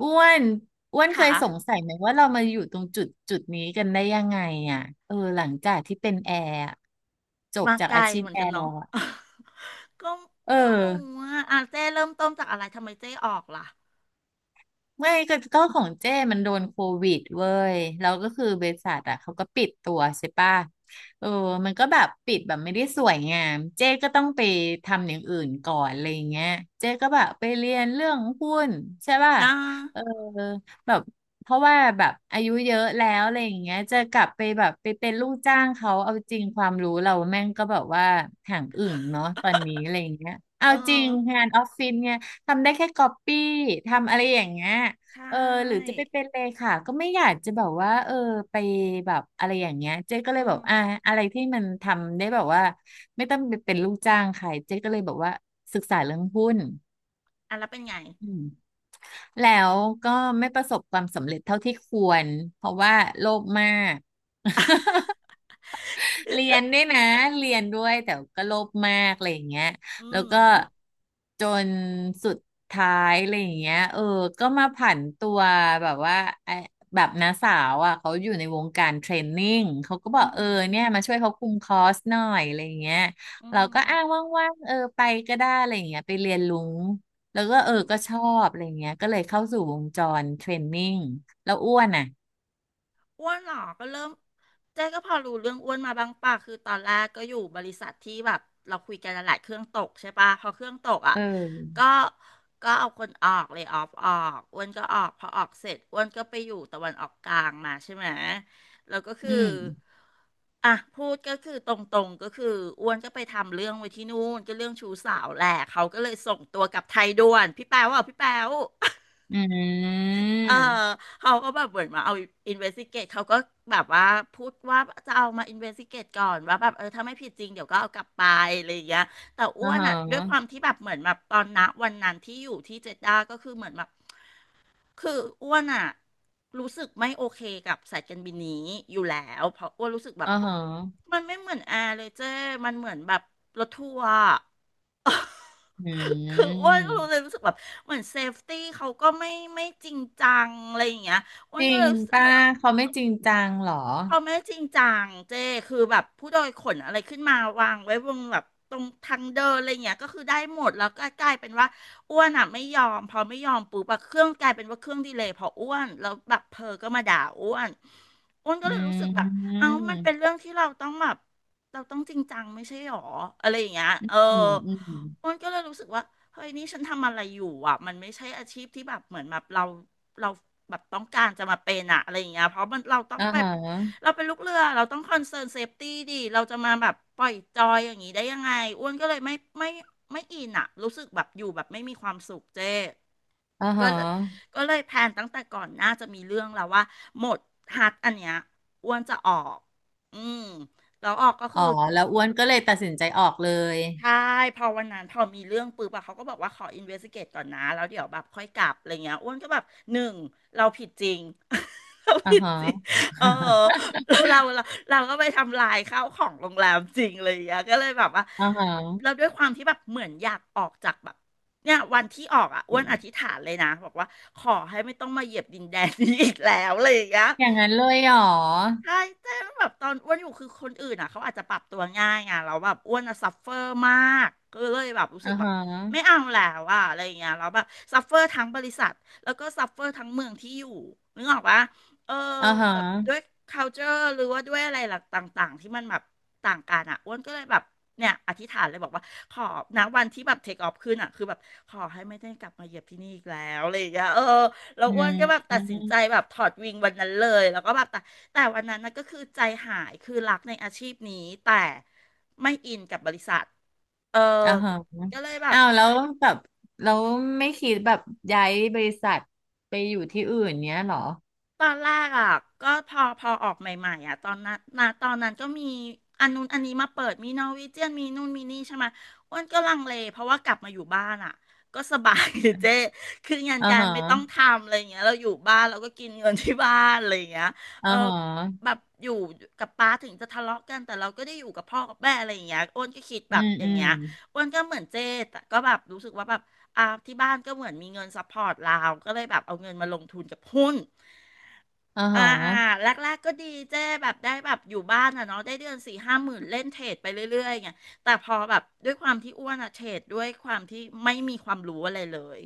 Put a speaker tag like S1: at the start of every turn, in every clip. S1: อ้วนอ้วนเค
S2: ค่ะ
S1: ยสงสัยไหมว่าเรามาอยู่ตรงจุดจุดนี้กันได้ยังไงอ่ะเออหลังจากที่เป็นแอร์อะจบ
S2: มา
S1: จาก
S2: ไกล
S1: อาชีพ
S2: เหมือน
S1: แอ
S2: กัน
S1: ร์แล้
S2: เนาะ
S1: วอะ
S2: ก็
S1: เออ
S2: ไม่รู้ว่าอ่ะเจ้เริ่มต้นจากอะไรทำไมเจ้ออกล่ะ
S1: ไม่ก็ของเจ้มันโดนโควิดเว้ยแล้วก็คือบริษัทอ่ะเขาก็ปิดตัวใช่ป่ะเออมันก็แบบปิดแบบไม่ได้สวยงามเจ้ก็ต้องไปทำอย่างอื่นก่อนอะไรอย่างเงี้ยเจ้ก็แบบไปเรียนเรื่องหุ้นใช่ป่ะ
S2: นะ
S1: เออแบบเพราะว่าแบบอายุเยอะแล้วอะไรอย่างเงี้ยจะกลับไปแบบไปเป็นลูกจ้างเขาเอาจริงความรู้เราแม่งก็แบบว่าห่างอึ่งเนาะตอนนี้อะไรอย่างเงี้ยเอา
S2: เออ
S1: จริงงานออฟฟิศไง ทำได้แค่ก๊อปปี้ทำอะไรอย่างเงี้ย
S2: ใช
S1: เออหรือ
S2: ่
S1: จะไปเป็นเลขาก็ไม่อยากจะแบบว่าเออไปแบบอะไรอย่างเงี้ยเจ๊ก็เล
S2: อื
S1: ยแบ
S2: ม
S1: บอ่ะอะไรที่มันทำได้แบบว่าไม่ต้องไปเป็นลูกจ้างใครเจ๊ก็เลยบอกว่าศึกษาเรื่องหุ้น
S2: อ่ะแล้วเป็นไง
S1: อืมแล้วก็ไม่ประสบความสำเร็จเท่าที่ควรเพราะว่าโลภมาก เรียนด้วยนะเรียนด้วยแต่ก็โลภมากอะไรอย่างเงี้ย
S2: อื
S1: แล้วก็
S2: ม
S1: จนสุดท้ายอะไรอย่างเงี้ยเออก็มาผันตัวแบบว่าไอ้แบบน้าสาวอ่ะเขาอยู่ในวงการเทรนนิ่งเขาก็บ
S2: อื
S1: อก
S2: ม
S1: เอ
S2: อื
S1: อเนี่ยมาช่วยเขาคุมคอร์สหน่อยอะไรอย่างเงี้ยเราก็อ้าง
S2: ม
S1: ว่างๆเออไปก็ได้อะไรอย่างเงี้ยไปเรียนรู้แล้วก็
S2: อื
S1: เออ
S2: ม
S1: ก็ชอบอะไรอย่างเงี้ยก็เลยเข้าสู่วงจรเทรนนิ่งแล้วอ้วนอ่ะ
S2: อ้วนเหรอก็เริ่มเจ๊ก็พอรู้เรื่องอ้วนมาบ้างป่ะคือตอนแรกก็อยู่บริษัทที่แบบเราคุยกันนั่นแหละเครื่องตกใช่ป่ะพอเครื่องตกอ่ะ
S1: เอ
S2: ก็
S1: อ
S2: ก็เอาคนออกเลยออฟออกอ้วนก็ออกพอออกเสร็จอ้วนก็ไปอยู่ตะวันออกกลางมาใช่ไหมแล้วก็คือ
S1: อืม
S2: อ่ะพูดก็คือตรงๆก็คืออ้วนก็ไปทำเรื่องไว้ที่นู่นก็เรื่องชู้สาวแหละเขาก็เลยส่งตัวกลับไทยด่วนพี่แป๊วอ่ะพี่แป๊ว
S1: อื
S2: เออ
S1: ม
S2: เขาก็แบบเหมือนมาเอาอินเวสติเกตเขาก็แบบว่าพูดว่าจะเอามาอินเวสติเกตก่อนว่าแบบเออถ้าไม่ผิดจริงเดี๋ยวก็เอากลับไปอะไรอย่างเงี้ยแต่อ้
S1: อ่า
S2: วน
S1: ฮะ
S2: อ่ะด้วยความที่แบบเหมือนแบบตอนนะวันนั้นที่อยู่ที่เจด้าก็คือเหมือนแบบคืออ้วนอ่ะรู้สึกไม่โอเคกับสายการบินนี้อยู่แล้วเพราะอ้วนรู้สึกแบบ
S1: อ่าฮะ
S2: มันไม่เหมือนแอร์เลยเจ้มันเหมือนแบบรถทัวร์
S1: อื
S2: คืออ้วนก็
S1: ม
S2: รู้เลยรู้สึกแบบเหมือนเซฟตี้เขาก็ไม่จริงจังอะไรอย่างเงี้ยอ้ว
S1: จ
S2: น
S1: ริ
S2: ก็เล
S1: ง
S2: ยรู้สึก
S1: ป้าเขาไม่จริงจังเหรอ
S2: เขาไม่จริงจังเจ้คือแบบผู้โดยขนอะไรขึ้นมาวางไว้บนแบบตรงทางเดินอะไรเงี้ยก็คือได้หมดแล้วก็กลายเป็นว่าอ้วนอ่ะไม่ยอมพอไม่ยอมปุ๊บอะเครื่องกลายเป็นว่าเครื่องดีเลย์พออ้วนแล้วแบบเพอก็มาด่าอ้วนอ้วนก็
S1: อื
S2: เลยรู้สึกแบบ
S1: ม
S2: เอ้ามันเป็นเรื่องที่เราต้องแบบเราต้องจริงจังไม่ใช่หรออะไรอย่างเงี้ยเออ
S1: อืมอืม
S2: อ้วนก็เลยรู้สึกว่าเฮ้ยนี่ฉันทำอะไรอยู่อ่ะมันไม่ใช่อาชีพที่แบบเหมือนแบบเราแบบต้องการจะมาเป็นอะไรอย่างเงี้ยเพราะมันเราต้อง
S1: อ่า
S2: ไป
S1: ฮะ
S2: เราเป็นลูกเรือเราต้องคอนเซิร์นเซฟตี้ดิเราจะมาแบบปล่อยจอยอย่างนี้ได้ยังไงอ้วนก็เลยไม่ไม่อินอะรู้สึกแบบอยู่แบบไม่มีความสุขเจ้
S1: อ่า
S2: ก็
S1: ฮะ
S2: เลยก็เลยแพลนตั้งแต่ก่อนหน่าจะมีเรื่องแล้วว่าหมดฮัทอันเนี้ยอ้วนจะออกอืมแล้วออกก็
S1: อ๋
S2: คื
S1: อ
S2: อ
S1: แล้วอ้วนก็เลยตัดสินใจออกเลย
S2: ใช่พอวันนั้นพอมีเรื่องปุ๊บอะเขาก็บอกว่าขออินเวส i ิเกตก่อนนะแล้วเดี๋ยวแบบค่อยกลับอะไรเงี้ยอ้วนก็แบบหนึ่งเราผิดจริง เรา
S1: อ่า
S2: ผิด
S1: ฮะ
S2: จริงเออเราเราก็ไปทำลายข้าวของโรงแรมจริงเลยอย่างเี้ยก็เลยแบบว่า
S1: อ่าฮะ
S2: เราด้วยความที่แบบเหมือนอยากออกจากแบบเนี่ยวันที่ออกอะอ้วนอธิษฐานเลยนะบอกว่าขอให้ไม่ต้องมาเหยียบดินแดนนี้อีกแล้วอะไรอย่างเงี้ย
S1: อย่างนั้นเลยเหรอ
S2: ใช่แต่แบบตอนอ้วนอยู่คือคนอื่นอ่ะเขาอาจจะปรับตัวง่ายไงเราแล้วแบบอ้วนอ่ะซัฟเฟอร์มาก ก็เลยแบบรู้สึ
S1: อ่า
S2: กแบบ
S1: ฮะ
S2: ไม่เอาแล้วอะอะไรอย่างเงี้ยเราแล้วแบบซัฟเฟอร์ทั้งบริษัทแล้วก็ซัฟเฟอร์ทั้งเมืองที่อยู่นึกออกปะเออ
S1: อ่าฮะ
S2: แบบด้วย culture หรือว่าด้วยอะไรหลักต่างๆที่มันแบบต่างกันอ่ะอ้วนก็เลยแบบเนี่ยอธิษฐานเลยบอกว่าขอณวันที่แบบเทคออฟขึ้นอ่ะคือแบบขอให้ไม่ได้กลับมาเหยียบที่นี่อีกแล้วอะไรอย่างเงี้ยเออแล้ว
S1: อื
S2: อ้วนก็แบบ
S1: ม
S2: ตัดสินใจแบบถอดวิงวันนั้นเลยแล้วก็แบบ แต่วันนั้นนะก็คือใจหายคือรักในอาชีพนี้แต่ไม่อินกับบริษัท เออ
S1: อ่าฮะ
S2: ก็เลยแบบ
S1: อ้าวแล้วแบบเราไม่คิดแบบย้ายบริษัทไปอยู่ที่อื่นเนี้ยเหรอ
S2: ตอนแรกอ่ะก็พอออกใหม่ๆอ่ะตอนนั้นก็มีอันนู้นอันนี้มาเปิดมีนอร์วีเจียนมีนู่นมีนี่ใช่ไหมอ้วนก็ลังเลเพราะว่ากลับมาอยู่บ้านอ่ะก็สบาย เจ๊คืองาน
S1: อ่า
S2: การ
S1: ฮะ
S2: ไม่ต้องทำอะไรอย่างเงี้ยเราอยู่บ้านเราก็กินเงินที่บ้านอะไรอย่างเงี้ยเอ
S1: อ่า
S2: อ
S1: ฮะ
S2: แบบอยู่กับป้าถึงจะทะเลาะกันแต่เราก็ได้อยู่กับพ่อกับแม่อะไรอย่างเงี้ยอ้วนก็คิดแบ
S1: อื
S2: บ
S1: ม
S2: อ
S1: อื
S2: ย่างเงี้
S1: ม
S2: ยอ้วนก็เหมือนเจ๊แต่ก็แบบรู้สึกว่าแบบอ่าที่บ้านก็เหมือนมีเงินซัพพอร์ตเราก็เลยแบบเอาเงินมาลงทุนกับหุ้น
S1: อ่าฮ
S2: อ่า
S1: ะ
S2: แรกๆก็ดีเจ้แบบได้แบบอยู่บ้านอ่ะเนาะได้เดือนสี่ห้าหมื่นเล่นเทรดไปเรื่อยๆไงแต่พอแบบด้วยความที่อ้วนอ่ะเทรดด้วยความที่ไม่มีความรู้อะไรเลย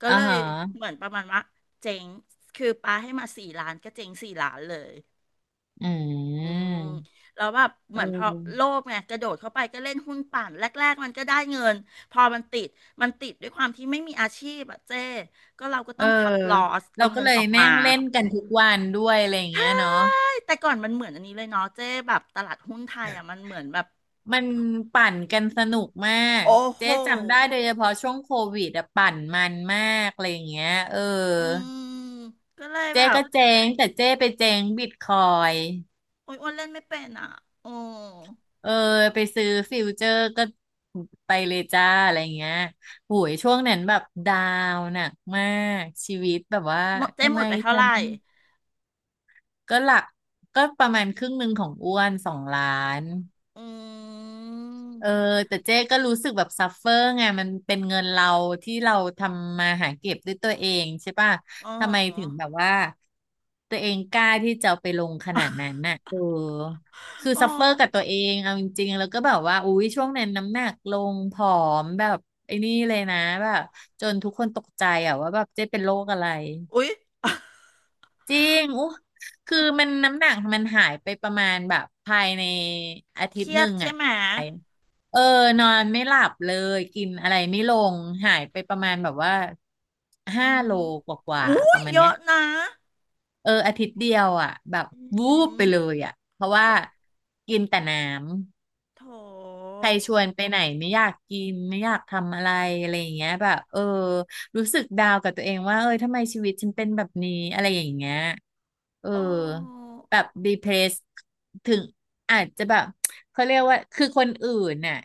S2: ก็
S1: อ่า
S2: เลย
S1: ฮะ
S2: เหมือนประมาณว่าเจ๊งคือปาให้มาสี่ล้านก็เจ๊งสี่ล้านเลย
S1: อื
S2: อืม
S1: ม
S2: แล้วแบบเห
S1: เอ
S2: มือนพอโล
S1: อ
S2: ภไงกระโดดเข้าไปก็เล่นหุ้นปั่นแรกๆมันก็ได้เงินพอมันติดมันติดด้วยความที่ไม่มีอาชีพอะเจ้ก็เราก็
S1: เอ
S2: ต้
S1: อ
S2: องคัดลอส
S1: เรา
S2: เอา
S1: ก็
S2: เงิน
S1: เลย
S2: ออก
S1: แม่
S2: มา
S1: งเล่นกันทุกวันด้วยอะไรอย่าง
S2: ใช่
S1: เงี้ยเนาะ
S2: แต่ก่อนมันเหมือนอันนี้เลยเนาะเจ๊แบบตลาดหุ้นไทยอ่ะมันเหมือนแบบ
S1: มันปั่นกันสนุกมาก
S2: โอ้โห
S1: เจ๊จำได้โดยเฉพาะช่วงโควิดอะปั่นมันมากอะไรอย่างเงี้ยเออ
S2: อืมก็เลยแบ
S1: เจ๊
S2: บ
S1: ก็เจ๊งแต่เจ๊ไปเจ๊งบิตคอย
S2: โอ้ยอ้วนเล่นไม่เป็นอ่ะโอ้
S1: เออไปซื้อฟิวเจอร์ก็ไปเลยจ้าอะไรเงี้ยโหยช่วงนั้นแบบดาวน์หนักมากชีวิตแบบว่า
S2: หมดเจ๊
S1: ทำ
S2: หม
S1: ไม
S2: ดไปเท่า
S1: ฉั
S2: ไหร่
S1: นก็หลักก็ประมาณครึ่งหนึ่งของอ้วนสองล้าน
S2: อื
S1: เออ
S2: ม
S1: แต่เจ๊ก็รู้สึกแบบซัฟเฟอร์ไงมันเป็นเงินเราที่เราทำมาหาเก็บด้วยตัวเองใช่ป่ะ
S2: อ๋
S1: ทำไมถึง
S2: อ
S1: แบบว่าตัวเองกล้าที่จะเอาไปลงขนาดนั้นน่ะเออคือ
S2: อ๋อ
S1: ซัฟเฟอร์กับตัวเองเอาจริงๆแล้วก็แบบว่าอุ๊ยช่วงนั้นน้ำหนักลงผอมแบบไอ้นี่เลยนะแบบจนทุกคนตกใจอ่ะว่าแบบเจ๊เป็นโรคอะไร
S2: อุ๊ย
S1: จริงอู้คือมันน้ำหนักมันหายไปประมาณแบบภายในอาทิ
S2: เค
S1: ต
S2: รี
S1: ย์ห
S2: ย
S1: นึ่
S2: ด
S1: ง
S2: ใช่
S1: อ่ะ
S2: ไหม
S1: เออ นอนไม่หลับเลย กินอะไรไม่ลง หายไปประมาณแบบว่า
S2: อื
S1: 5 โล
S2: ม
S1: กว่า
S2: อุ้
S1: ๆป
S2: ย
S1: ระมาณ
S2: เย
S1: เนี้
S2: อะ
S1: ย
S2: นะ
S1: เอออาทิตย์เดียวอ่ะแบบ
S2: อื
S1: วูบ
S2: ม
S1: ไปเลยอ่ะ เพราะว่า
S2: โอ้
S1: กินแต่น้ำ
S2: โถ
S1: ใครชวนไปไหนไม่อยากกินไม่อยากทำอะไรอะไรอย่างเงี้ยแบบเออรู้สึกดาวกับตัวเองว่าเอยทำไมชีวิตฉันเป็นแบบนี้อะไรอย่างเงี้ยเออ
S2: โอ้
S1: แบบ depressed ถึงอาจจะแบบเขาเรียกว่าคือคนอื่นน่ะ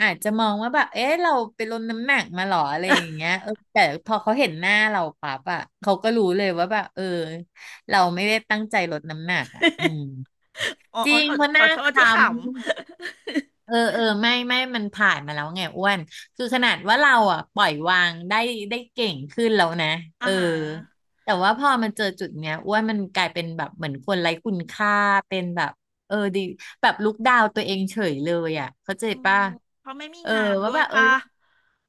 S1: อาจจะมองว่าแบบเอ๊ะเราไปลดน้ำหนักมาหรออะไรอย่างเงี้ยเออแต่พอเขาเห็นหน้าเราปั๊บอ่ะเขาก็รู้เลยว่าแบบเออเราไม่ได้ตั้งใจลดน้ำหนักอ่ะอืม
S2: อ๋อ
S1: จ
S2: อ๋อ
S1: ริง
S2: ขอ
S1: เพราะห
S2: ขอ
S1: น้า
S2: โท
S1: ค
S2: ษที่ข
S1: ล้ำ
S2: ำ
S1: เออเออไม่มันผ่านมาแล้วไงอ้วนคือขนาดว่าเราอ่ะปล่อยวางได้ได้เก่งขึ้นแล้วนะ เอ
S2: อ่า
S1: อ
S2: ฮะ
S1: แต่ว่าพอมันเจอจุดเนี้ยอ้วนมันกลายเป็นแบบเหมือนคนไร้คุณค่าเป็นแบบเออดีแบบลุกดาวตัวเองเฉยเลยอ่ะเข้าใจ
S2: อื
S1: ป่ะ
S2: มเขาไม่มี
S1: เออ
S2: งาน
S1: ว่า
S2: ด้วย
S1: แบบเอ้ย
S2: ป่ะ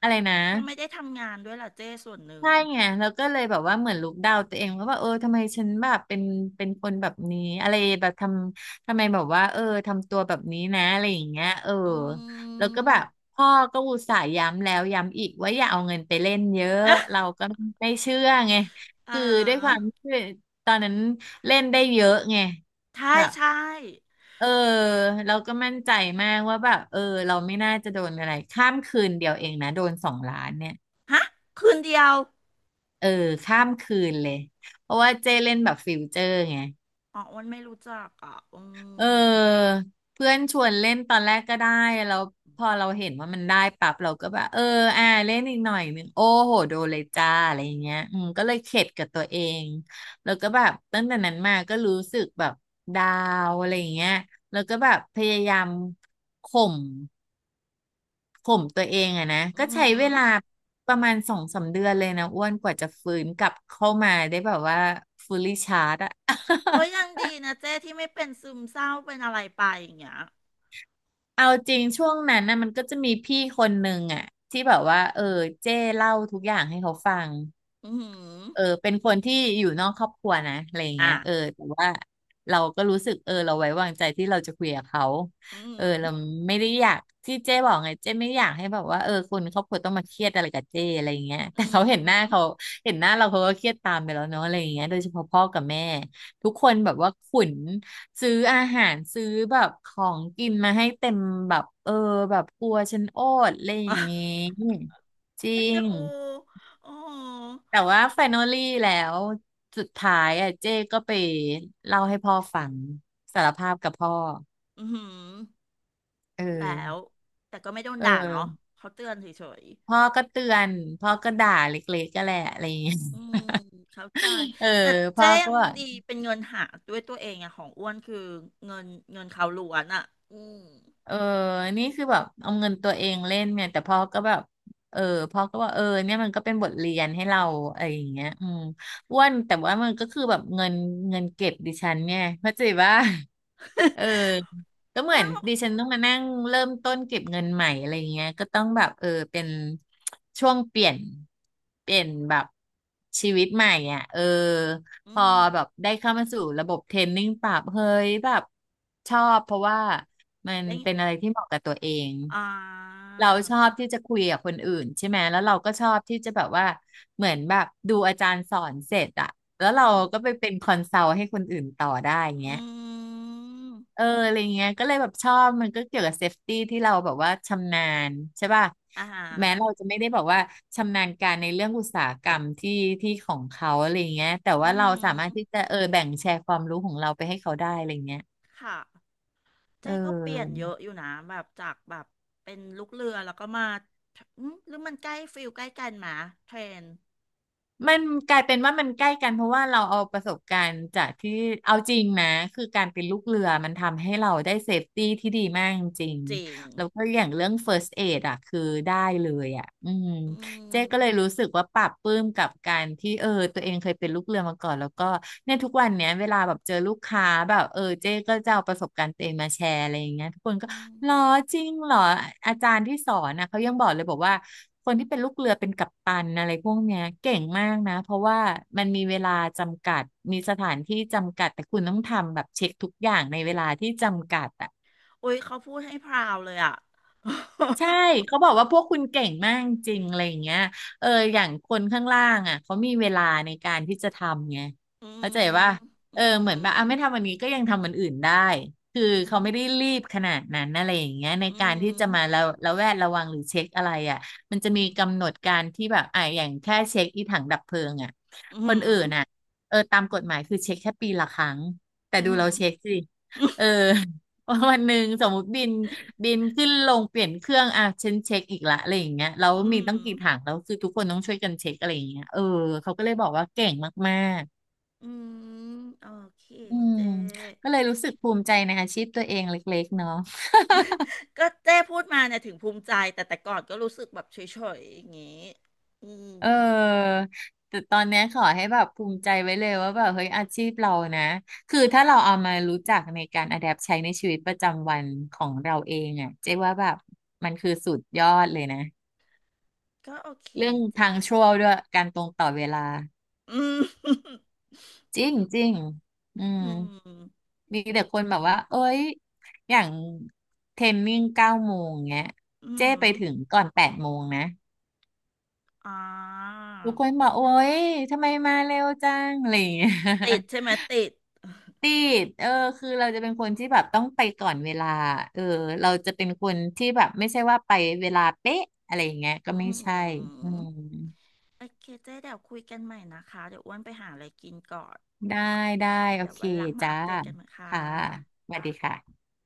S1: อะไรนะ
S2: เขาไม่ได้ทำงานด้วยล่ะเจ้ส่วนหนึ่ง
S1: ใช่ไงแล้วก็เลยแบบว่าเหมือนลุกดาวตัวเองว่าแบบเออทำไมฉันแบบเป็นคนแบบนี้อะไรแบบทำไมแบบว่าเออทำตัวแบบนี้นะอะไรอย่างเงี้ยเออ
S2: อื
S1: แล้วก็
S2: ม
S1: แบบพ่อก็อุตส่าห์ย้ำแล้วย้ำอีกว่าอย่าเอาเงินไปเล่นเยอะเรา ก็ไม่เชื่อไง
S2: อ่
S1: คือด้วยควา
S2: า
S1: มที่ตอนนั้นเล่นได้เยอะไง
S2: ใช่
S1: แบบ
S2: ใช่
S1: เออเราก็มั่นใจมากว่าแบบเออเราไม่น่าจะโดนอะไรข้ามคืนเดียวเองนะโดนสองล้านเนี่ย
S2: ฮะคืนเดียว
S1: เออข้ามคืนเลยเพราะว่าเจ้เล่นแบบฟิวเจอร์ไง
S2: อ๋ออ้วันไม่รู้จักอ่ะอื
S1: เอ
S2: ม
S1: อเพื่อนชวนเล่นตอนแรกก็ได้แล้วพอเราเห็นว่ามันได้ปั๊บเราก็แบบเล่นอีกหน่อยหนึงโอ้โหโดนเลยจ้าอะไรอย่างเงี้ยก็เลยเข็ดกับตัวเองแล้วก็แบบตั้งแต่นั้นมาก็รู้สึกแบบดาวอะไรอย่างเงี้ยแล้วก็แบบพยายามข่ม ผมตัวเองอะนะ
S2: อื
S1: ก็ใช้เว
S2: ม
S1: ลาประมาณสองสามเดือนเลยนะอ้วนกว่าจะฟื้นกลับเข้ามาได้แบบว่า fully charge อะ
S2: ก็ ยังดีนะเจ้ที่ไม่เป็นซึมเศร้าเป็นอะไรไปอย่างเงี้ย
S1: เอาจริงช่วงนั้นนะมันก็จะมีพี่คนหนึ่งอะที่แบบว่าเจ้เล่าทุกอย่างให้เขาฟัง
S2: อืม
S1: เป็นคนที่อยู่นอกครอบครัวนะอะไรอย่างเงี้
S2: อ่ะ
S1: ยแต่ว่าเราก็รู้สึกเราไว้วางใจที่เราจะคุยกับเขา
S2: อืม
S1: เราไม่ได้อยากที่เจ้บอกไงเจ้ไม่อยากให้แบบว่าคนครอบครัวต้องมาเครียดอะไรกับเจ้อะไรอย่างเงี้ย
S2: อื
S1: แต่เขาเห็นหน้า
S2: ม
S1: เขาเห็นหน้าเราเขาก็เครียดตามไปแล้วเนาะอะไรอย่างเงี้ยโดยเฉพาะพ่อกับแม่ทุกคนแบบว่าขุนซื้ออาหารซื้อแบบของกินมาให้เต็มแบบแบบกลัวฉันโอดอะไรอย่างงี้ จริ
S2: เอ็นดู
S1: ง
S2: โอ้โ
S1: แต่ว่าแฟนอลลี่แล้วสุดท้ายอ่ะเจ้ก็ไปเล่าให้พ่อฟังสารภาพกับพ่อ
S2: อืม
S1: เออ
S2: แล้วแต่ก็ไม่โดน
S1: เอ
S2: ด่าเนาะ
S1: อ
S2: เขาเตือนเฉย
S1: พ่อก็เตือนพ่อก็ด่าเล็กๆก็แหละอะไรอย่างเงี้ย
S2: อืมเข้าใจ
S1: เออ
S2: แต่
S1: พ่
S2: เจ๊
S1: อ
S2: ยั
S1: ก็
S2: ง
S1: บอก
S2: ดีเป็นเงินหาด้วยตัวเองอะของอ้วนคือเงินเงินเขาล้วนอะอืม
S1: เออนี่คือแบบเอาเงินตัวเองเล่นเนี่ยแต่พ่อก็แบบเออพ่อก็ว่าเนี่ยมันก็เป็นบทเรียนให้เราอะไรอย่างเงี้ยอืมอ้วนแต่ว่ามันก็คือแบบเงินเก็บดิฉันเนี่ย เข้าใจว่าเออก็เหมื
S2: อ้ว
S1: อ
S2: น
S1: น
S2: บอก
S1: ดิฉันต้องมานั่งเริ่มต้นเก็บเงินใหม่อะไรอย่างเงี้ยก็ต้องแบบเป็นช่วงเปลี่ยนแบบชีวิตใหม่อ่ะเออ พ
S2: อื
S1: อแบบ
S2: ม
S1: ได้เข้ามาสู่ระบบเทรนนิ่งปรับเฮ้ยแบบชอบเพราะว่ามันเป็น
S2: ได้
S1: อะไรที่เหมาะกับตัวเอง
S2: อ่า
S1: เราชอบที่จะคุยกับคนอื่นใช่ไหมแล้วเราก็ชอบที่จะแบบว่าเหมือนแบบดูอาจารย์สอนเสร็จอะแล้วเรา
S2: อืม
S1: ก็ไปเป็นคอนซัลท์ให้คนอื่นต่อได้อย่าง
S2: อ
S1: เงี้ย
S2: ืม
S1: อะไรเงี้ยก็เลยแบบชอบมันก็เกี่ยวกับเซฟตี้ที่เราแบบว่าชำนาญใช่ป่ะ
S2: อ่าฮะ
S1: แม้เราจะไม่ได้แบอกว่าชำนาญการในเรื่องอุตสาหกรรมที่ของเขาอะไรเงี้ยแต่
S2: อื
S1: ว่าเราสามารถ
S2: ม
S1: ที่จะแบ่งแชร์ความรู้ของเราไปให้เขาได้อะไรเงี้ย
S2: ค่ะ
S1: เอ
S2: เจ๊ก็เปลี่ยน
S1: อ
S2: เยอะอยู่นะแบบจากแบบเป็นลูกเรือแล้วก็มาอืมหรือมันใกล้ฟิลใกล้กันมาเทรน
S1: มันกลายเป็นว่ามันใกล้กันเพราะว่าเราเอาประสบการณ์จากที่เอาจริงนะคือการเป็นลูกเรือมันทำให้เราได้เซฟตี้ที่ดีมากจริง
S2: จริง
S1: ๆแล้วก็อย่างเรื่อง first aid อ่ะคือได้เลยอ่ะอืม
S2: อื
S1: เจ๊
S2: ม
S1: ก็เลยรู้สึกว่าปลาบปลื้มกับการที่ตัวเองเคยเป็นลูกเรือมาก่อนแล้วก็เนี่ยทุกวันเนี้ยเวลาแบบเจอลูกค้าแบบเจ๊ก็จะเอาประสบการณ์ตัวเองมาแชร์อะไรอย่างเงี้ยทุกคนก็
S2: อืม
S1: หรอจริงเหรออาจารย์ที่สอนนะเขายังบอกเลยบอกว่าคนที่เป็นลูกเรือเป็นกัปตันอะไรพวกเนี้ยเก่งมากนะเพราะว่ามันมีเวลาจำกัดมีสถานที่จำกัดแต่คุณต้องทำแบบเช็คทุกอย่างในเวลาที่จำกัดอะ
S2: โอ้ยเขาพูดให้พราวเลยอะ
S1: ใช่เขาบอกว่าพวกคุณเก่งมากจริงอะไรอย่างเงี้ยอย่างคนข้างล่างอ่ะเขามีเวลาในการที่จะทำไง
S2: อื
S1: เข้า
S2: ม
S1: ใจว่า
S2: อืม
S1: เหมือนแบบอ่ะไม่ทำวันนี้ก็ยังทำวันอื่นได้คือ
S2: อื
S1: เขา
S2: ม
S1: ไม่ได้รีบขนาดนั้นอะไรอย่างเงี้ยใน
S2: อื
S1: การที่จะมา
S2: ม
S1: ระแวดระวังหรือเช็คอะไรอ่ะมันจะ
S2: อื
S1: มี
S2: ม
S1: กำหนดการที่แบบอ่ะอย่างแค่เช็คอีถังดับเพลิงอ่ะ
S2: อื
S1: ค
S2: ม
S1: นอื่นอ่ะตามกฎหมายคือเช็คแค่ปีละครั้งแต่
S2: อื
S1: ดู
S2: ม
S1: เราเช็คสิเออ วันหนึ่งสมมติบินขึ้นลงเปลี่ยนเครื่องอ่ะฉันเช็คอีกละอะไรอย่างเงี้ยเลา
S2: อื
S1: มี
S2: ม
S1: ตั้งกี่ถังแล้วคือทุกคนต้องช่วยกันเช็คอะไรอย่างเงี้ยเขาก็เลยบอกว่าเก่งมาก
S2: อืมโอเค
S1: ๆอืม
S2: เจ๊
S1: ก็เลยรู้สึกภูมิใจในอาชีพตัวเองเล็กๆเนาะ
S2: เจ๊พูดมาเนี่ยถึงภูมิใจแต่แต่ก่อนก็รู้สึกแบบเฉยๆอย่างงี้อืม
S1: เออแต่ตอนเนี้ยขอให้แบบภูมิใจไว้เลยว่าแบบเฮ้ยอาชีพเรานะคือถ้าเราเอามารู้จักในการอะแดปใช้ในชีวิตประจำวันของเราเองอ่ะเจ๊ว่าแบบมันคือสุดยอดเลยนะ
S2: ก็โอเค
S1: เรื่อง
S2: เจ๊
S1: ทางชั่วด้วยการตรงต่อเวลา
S2: อืม
S1: จริงจริงอื
S2: อื
S1: ม
S2: ม
S1: มีแต่คนแบบว่าเอ้ยอย่างเทรนนิ่งเก้าโมงเงี้ย
S2: อื
S1: เจ้ไป
S2: ม
S1: ถึงก่อนแปดโมงนะ
S2: อ่า
S1: ทุกคนบอกโอ้ยทำไมมาเร็วจังอะไรอย่างเงี้ย
S2: ติดใช่ไหม ติด
S1: ติดคือเราจะเป็นคนที่แบบต้องไปก่อนเวลาเออเราจะเป็นคนที่แบบไม่ใช่ว่าไปเวลาเป๊ะอะไรอย่างเงี้ยก็
S2: อื
S1: ไม่ใช่อื
S2: ม
S1: ม
S2: โอเคเจ๊เดี๋ยวคุยกันใหม่นะคะเดี๋ยวอ้วนไปหาอะไรกินก่อน
S1: ได้ได้โอ
S2: เดี๋ยว
S1: เค
S2: วันหลังมา
S1: จ้า
S2: อัปเดตกันนะค่ะ
S1: ค่ะสวัสดีค่ะ